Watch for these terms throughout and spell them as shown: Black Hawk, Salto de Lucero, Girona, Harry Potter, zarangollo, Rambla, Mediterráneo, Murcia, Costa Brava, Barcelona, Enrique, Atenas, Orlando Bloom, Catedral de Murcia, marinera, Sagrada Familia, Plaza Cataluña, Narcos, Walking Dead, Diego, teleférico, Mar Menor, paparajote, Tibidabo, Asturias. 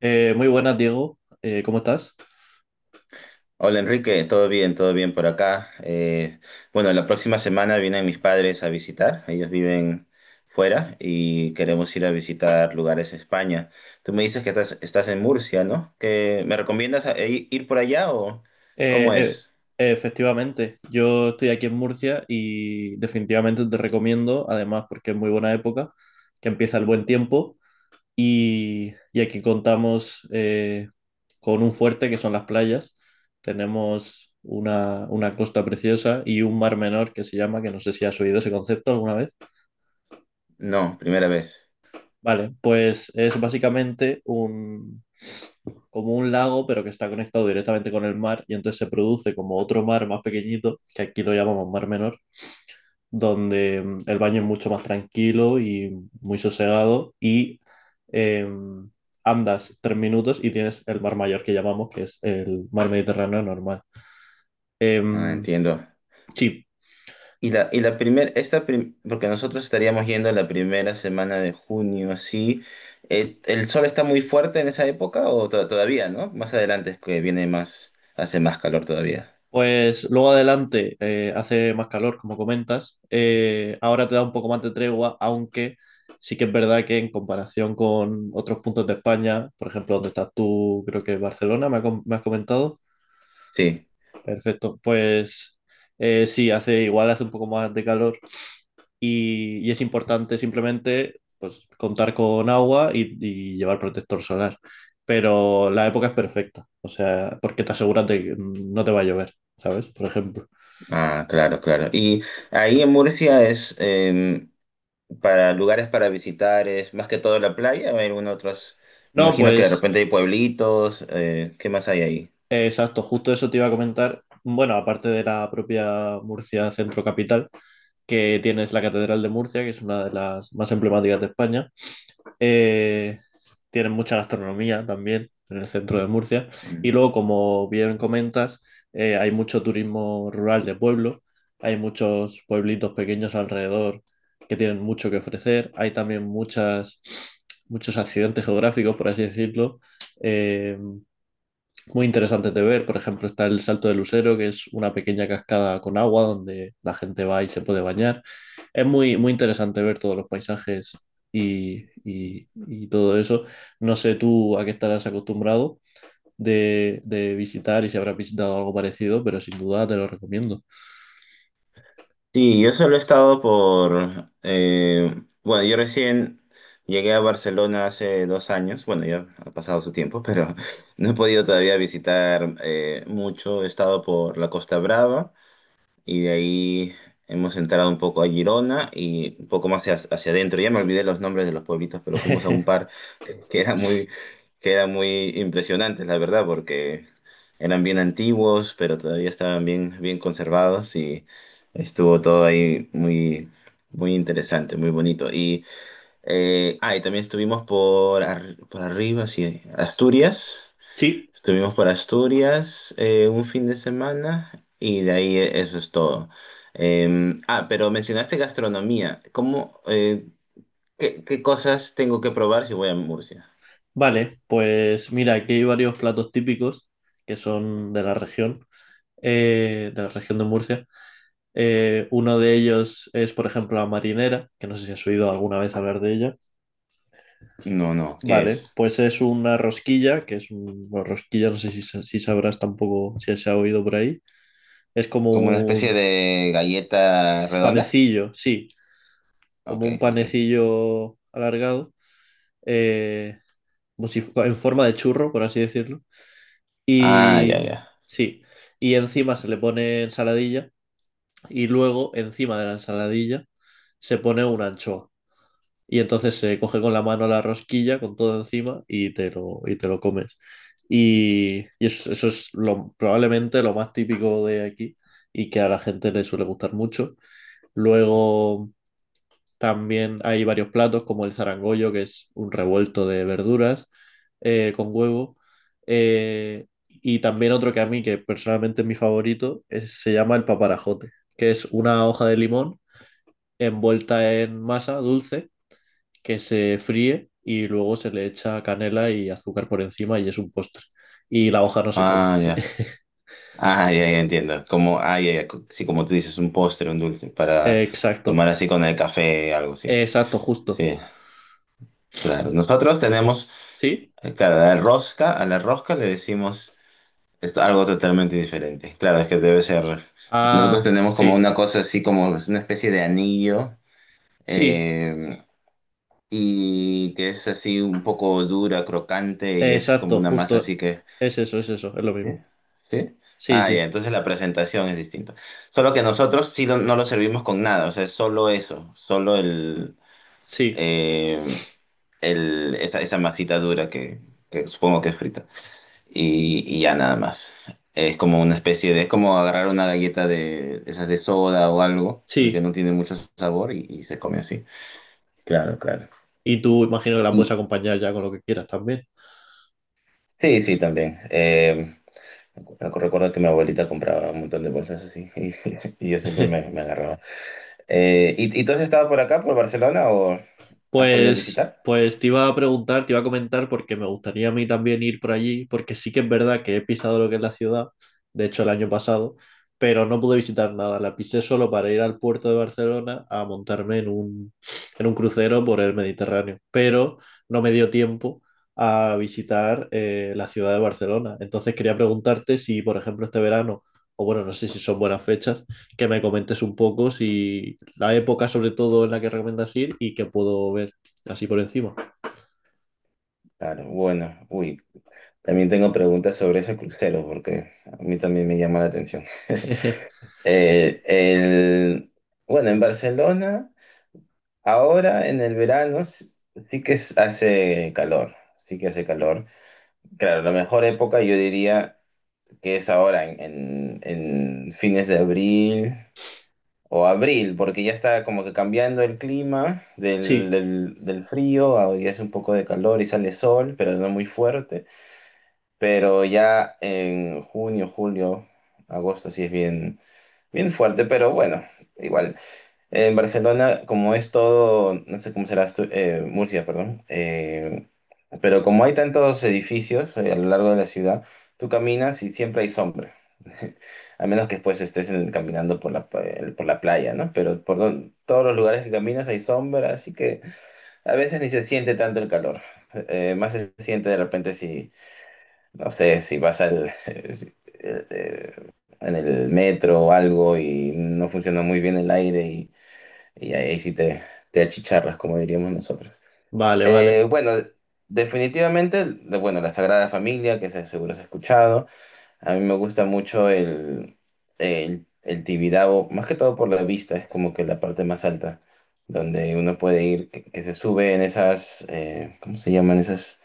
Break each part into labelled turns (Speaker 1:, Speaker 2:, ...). Speaker 1: Muy buenas, Diego. ¿Cómo estás?
Speaker 2: Hola Enrique, todo bien por acá. Bueno, la próxima semana vienen mis padres a visitar, ellos viven fuera y queremos ir a visitar lugares en España. Tú me dices que estás en Murcia, ¿no? ¿Que me recomiendas ir por allá o cómo
Speaker 1: Eh,
Speaker 2: es?
Speaker 1: Efectivamente, yo estoy aquí en Murcia y definitivamente te recomiendo, además porque es muy buena época, que empieza el buen tiempo y aquí contamos con un fuerte que son las playas. Tenemos una costa preciosa y un mar menor que se llama, que no sé si has oído ese concepto alguna vez.
Speaker 2: No, primera vez.
Speaker 1: Vale, pues es básicamente un, como un lago, pero que está conectado directamente con el mar, y entonces se produce como otro mar más pequeñito, que aquí lo llamamos mar menor, donde el baño es mucho más tranquilo y muy sosegado, y eh, andas 3 minutos y tienes el mar mayor que llamamos, que es el mar Mediterráneo normal. Eh,
Speaker 2: Ah, entiendo.
Speaker 1: sí.
Speaker 2: Y la primera, esta prim- Porque nosotros estaríamos yendo la primera semana de junio, así. ¿El sol está muy fuerte en esa época o todavía, no? Más adelante es que viene más, hace más calor todavía.
Speaker 1: Pues luego adelante hace más calor, como comentas. Ahora te da un poco más de tregua, aunque sí que es verdad que en comparación con otros puntos de España, por ejemplo, donde estás tú, creo que es Barcelona, me has comentado.
Speaker 2: Sí,
Speaker 1: Perfecto. Pues sí, hace igual, hace un poco más de calor y es importante simplemente pues, contar con agua y llevar protector solar. Pero la época es perfecta, o sea, porque te aseguras de que no te va a llover, ¿sabes? Por ejemplo.
Speaker 2: ah, claro, claro. Y ahí en Murcia es para lugares para visitar, es más que todo la playa, o hay algún otros, me
Speaker 1: No,
Speaker 2: imagino que de
Speaker 1: pues
Speaker 2: repente hay pueblitos, ¿qué más hay ahí?
Speaker 1: exacto, justo eso te iba a comentar. Bueno, aparte de la propia Murcia Centro Capital, que tienes la Catedral de Murcia, que es una de las más emblemáticas de España, eh, tienen mucha gastronomía también en el centro de Murcia. Y
Speaker 2: Mm.
Speaker 1: luego, como bien comentas, hay mucho turismo rural de pueblo, hay muchos pueblitos pequeños alrededor que tienen mucho que ofrecer, hay también muchas, muchos accidentes geográficos, por así decirlo. em, Muy interesantes de ver. Por ejemplo, está el Salto de Lucero, que es una pequeña cascada con agua donde la gente va y se puede bañar. Es muy interesante ver todos los paisajes y todo eso. No sé tú a qué estarás acostumbrado de visitar y si habrás visitado algo parecido, pero sin duda te lo recomiendo.
Speaker 2: Sí, yo solo he estado por, bueno, yo recién llegué a Barcelona hace 2 años, bueno, ya ha pasado su tiempo, pero no he podido todavía visitar mucho. He estado por la Costa Brava y de ahí hemos entrado un poco a Girona y un poco más hacia adentro. Ya me olvidé los nombres de los pueblitos, pero fuimos a un par que era muy, que era muy impresionante, la verdad, porque eran bien antiguos, pero todavía estaban bien, bien conservados y estuvo todo ahí muy, muy interesante, muy bonito. Y también estuvimos por arriba, sí, Asturias.
Speaker 1: Sí,
Speaker 2: Estuvimos por Asturias un fin de semana y de ahí eso es todo. Pero mencionaste gastronomía. ¿Cómo, qué cosas tengo que probar si voy a Murcia?
Speaker 1: vale. Pues mira, aquí hay varios platos típicos que son de la región, de la región de Murcia. Uno de ellos es, por ejemplo, la marinera, que no sé si has oído alguna vez hablar de ella.
Speaker 2: No, no, ¿qué
Speaker 1: Vale,
Speaker 2: es?
Speaker 1: pues es una rosquilla, que es un, bueno, rosquilla, no sé si, si sabrás tampoco si se ha oído por ahí. Es como
Speaker 2: ¿Como una especie
Speaker 1: un
Speaker 2: de galleta redonda?
Speaker 1: panecillo, sí,
Speaker 2: Ok,
Speaker 1: como un
Speaker 2: ok.
Speaker 1: panecillo alargado, eh, como si fu- en forma de churro, por así decirlo.
Speaker 2: Ah, ya,
Speaker 1: Y
Speaker 2: ya.
Speaker 1: sí, y encima se le pone ensaladilla y luego encima de la ensaladilla se pone una anchoa. Y entonces se coge con la mano la rosquilla con todo encima y te lo comes. Y eso, eso es lo, probablemente lo más típico de aquí y que a la gente le suele gustar mucho. Luego también hay varios platos como el zarangollo, que es un revuelto de verduras con huevo. Y también otro que a mí, que personalmente es mi favorito, se llama el paparajote, que es una hoja de limón envuelta en masa dulce que se fríe y luego se le echa canela y azúcar por encima y es un postre. Y la hoja no se come.
Speaker 2: Ah, ya. Ah, ya, ya entiendo. Como, ah, ya, ya. Sí, como tú dices, un postre, un dulce para
Speaker 1: Exacto,
Speaker 2: tomar así con el café, algo así.
Speaker 1: exacto, justo.
Speaker 2: Sí, claro. Nosotros tenemos,
Speaker 1: ¿Sí?
Speaker 2: claro, la rosca, a la rosca le decimos es algo totalmente diferente. Claro, es que debe ser. Nosotros
Speaker 1: Ah,
Speaker 2: tenemos como
Speaker 1: sí,
Speaker 2: una cosa así, como una especie de anillo.
Speaker 1: sí,
Speaker 2: Eh, y que es así un poco dura, crocante y es como
Speaker 1: exacto,
Speaker 2: una masa
Speaker 1: justo.
Speaker 2: así que...
Speaker 1: Es eso, es eso, es lo
Speaker 2: ¿Sí?
Speaker 1: mismo.
Speaker 2: ¿Sí?
Speaker 1: Sí,
Speaker 2: Ah, ya,
Speaker 1: sí,
Speaker 2: entonces la presentación es distinta. Solo que nosotros no lo servimos con nada, o sea, es solo eso, solo
Speaker 1: sí,
Speaker 2: eh, esa, esa masita dura que supongo que es frita. Y ya nada más. Es como una especie de, es como agarrar una galleta de esas de soda o algo, que
Speaker 1: sí.
Speaker 2: no tiene mucho sabor y se come así. Claro, claro.
Speaker 1: Y tú imagino que la puedes acompañar ya con lo que quieras también.
Speaker 2: Sí, sí, también. Recuerdo que mi abuelita compraba un montón de bolsas así y yo siempre me, me agarraba. ¿Y, y tú has estado por acá, por Barcelona, o has podido visitar?
Speaker 1: Pues te iba a preguntar, te iba a comentar porque me gustaría a mí también ir por allí, porque sí que es verdad que he pisado lo que es la ciudad, de hecho el año pasado, pero no pude visitar nada, la pisé solo para ir al puerto de Barcelona a montarme en un crucero por el Mediterráneo, pero no me dio tiempo a visitar la ciudad de Barcelona. Entonces quería preguntarte si, por ejemplo, este verano, o bueno, no sé si son buenas fechas, que me comentes un poco si la época sobre todo en la que recomiendas ir y que puedo ver así por encima.
Speaker 2: Claro, bueno, uy, también tengo preguntas sobre ese crucero porque a mí también me llama la atención. Eh, el, bueno, en Barcelona, ahora en el verano sí que hace calor, sí que hace calor. Claro, la mejor época yo diría que es ahora en fines de abril o abril, porque ya está como que cambiando el clima
Speaker 1: Sí,
Speaker 2: del frío, y hace un poco de calor y sale sol, pero no muy fuerte, pero ya en junio, julio, agosto sí es bien, bien fuerte, pero bueno, igual en Barcelona, como es todo, no sé cómo será Murcia, perdón, pero como hay tantos edificios a lo largo de la ciudad, tú caminas y siempre hay sombra, a menos que después caminando por por la playa, ¿no? Pero todos los lugares que caminas hay sombra, así que a veces ni se siente tanto el calor. Más se siente de repente si, no sé, si vas al, si- eh, eh, en el metro o algo y no funciona muy bien el aire y ahí, ahí sí te achicharras, como diríamos nosotros.
Speaker 1: vale, vale.
Speaker 2: Bueno, definitivamente, bueno, la Sagrada Familia, que seguro has escuchado. A mí me gusta mucho el Tibidabo, más que todo por la vista, es como que la parte más alta, donde uno puede ir, que se sube en esas, ¿cómo se llaman esas?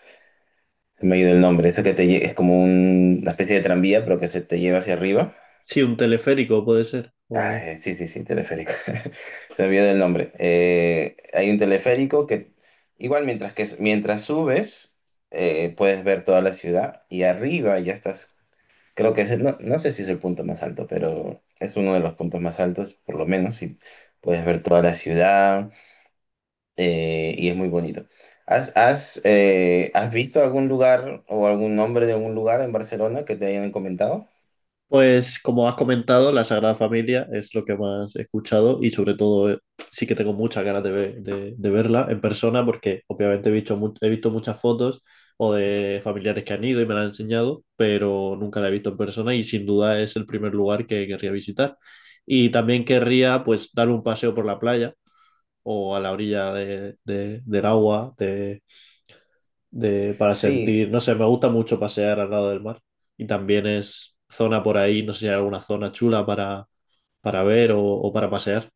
Speaker 2: Se me ha ido el nombre, eso que es como una especie de tranvía, pero que se te lleva hacia arriba.
Speaker 1: Sí, un teleférico puede ser.
Speaker 2: Ah,
Speaker 1: O...
Speaker 2: sí, sí, sí, teleférico. Se olvidó el nombre. Hay un teleférico que igual mientras que mientras subes puedes ver toda la ciudad y arriba ya estás. Creo que no, no sé si es el punto más alto, pero es uno de los puntos más altos, por lo menos, y puedes ver toda la ciudad y es muy bonito. Has visto algún lugar o algún nombre de algún lugar en Barcelona que te hayan comentado?
Speaker 1: Pues como has comentado, la Sagrada Familia es lo que más he escuchado y sobre todo sí que tengo muchas ganas de, de verla en persona porque obviamente he visto, he visto muchas fotos o de familiares que han ido y me la han enseñado, pero nunca la he visto en persona y sin duda es el primer lugar que querría visitar. Y también querría pues dar un paseo por la playa o a la orilla del agua, de, para
Speaker 2: Sí,
Speaker 1: sentir, no sé, me gusta mucho pasear al lado del mar y también es zona por ahí, no sé si hay alguna zona chula para ver o para pasear.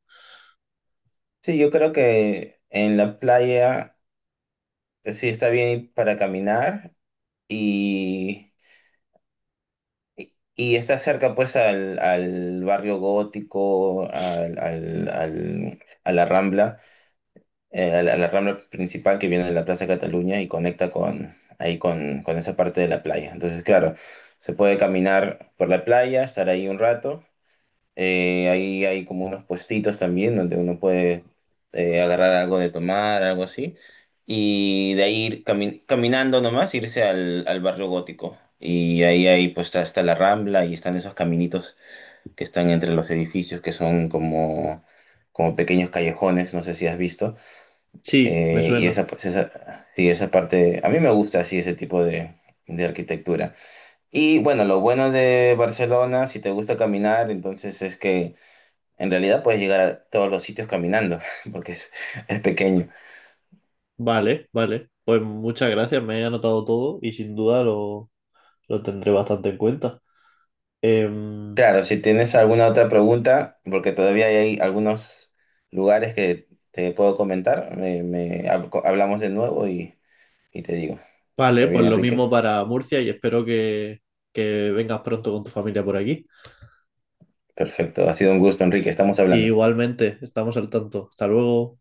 Speaker 2: sí, yo creo que en la playa. Sí está bien para caminar y, y está cerca pues al barrio gótico, a la Rambla, a la Rambla principal que viene de la Plaza Cataluña y conecta con, ahí con esa parte de la playa. Entonces, claro, se puede caminar por la playa, estar ahí un rato ahí hay como unos puestitos también donde uno puede agarrar algo de tomar, algo así. Y de ahí ir caminando nomás, irse al barrio gótico. Y ahí hay, pues está, está la Rambla y están esos caminitos que están entre los edificios que son como, como pequeños callejones, no sé si has visto.
Speaker 1: Sí, me
Speaker 2: Y
Speaker 1: suena.
Speaker 2: esa, pues, esa, sí, esa parte, a mí me gusta así ese tipo de arquitectura. Y bueno, lo bueno de Barcelona, si te gusta caminar, entonces es que en realidad puedes llegar a todos los sitios caminando, porque es pequeño.
Speaker 1: Vale, vale. Pues muchas gracias, me he anotado todo y sin duda lo tendré bastante en cuenta. Em,
Speaker 2: Claro, si tienes alguna otra pregunta, porque todavía hay algunos lugares que te puedo comentar, hablamos de nuevo y te digo. ¿Está
Speaker 1: vale, pues
Speaker 2: bien,
Speaker 1: lo
Speaker 2: Enrique?
Speaker 1: mismo para Murcia y espero que vengas pronto con tu familia por aquí.
Speaker 2: Perfecto, ha sido un gusto, Enrique, estamos hablando.
Speaker 1: Igualmente, estamos al tanto. Hasta luego.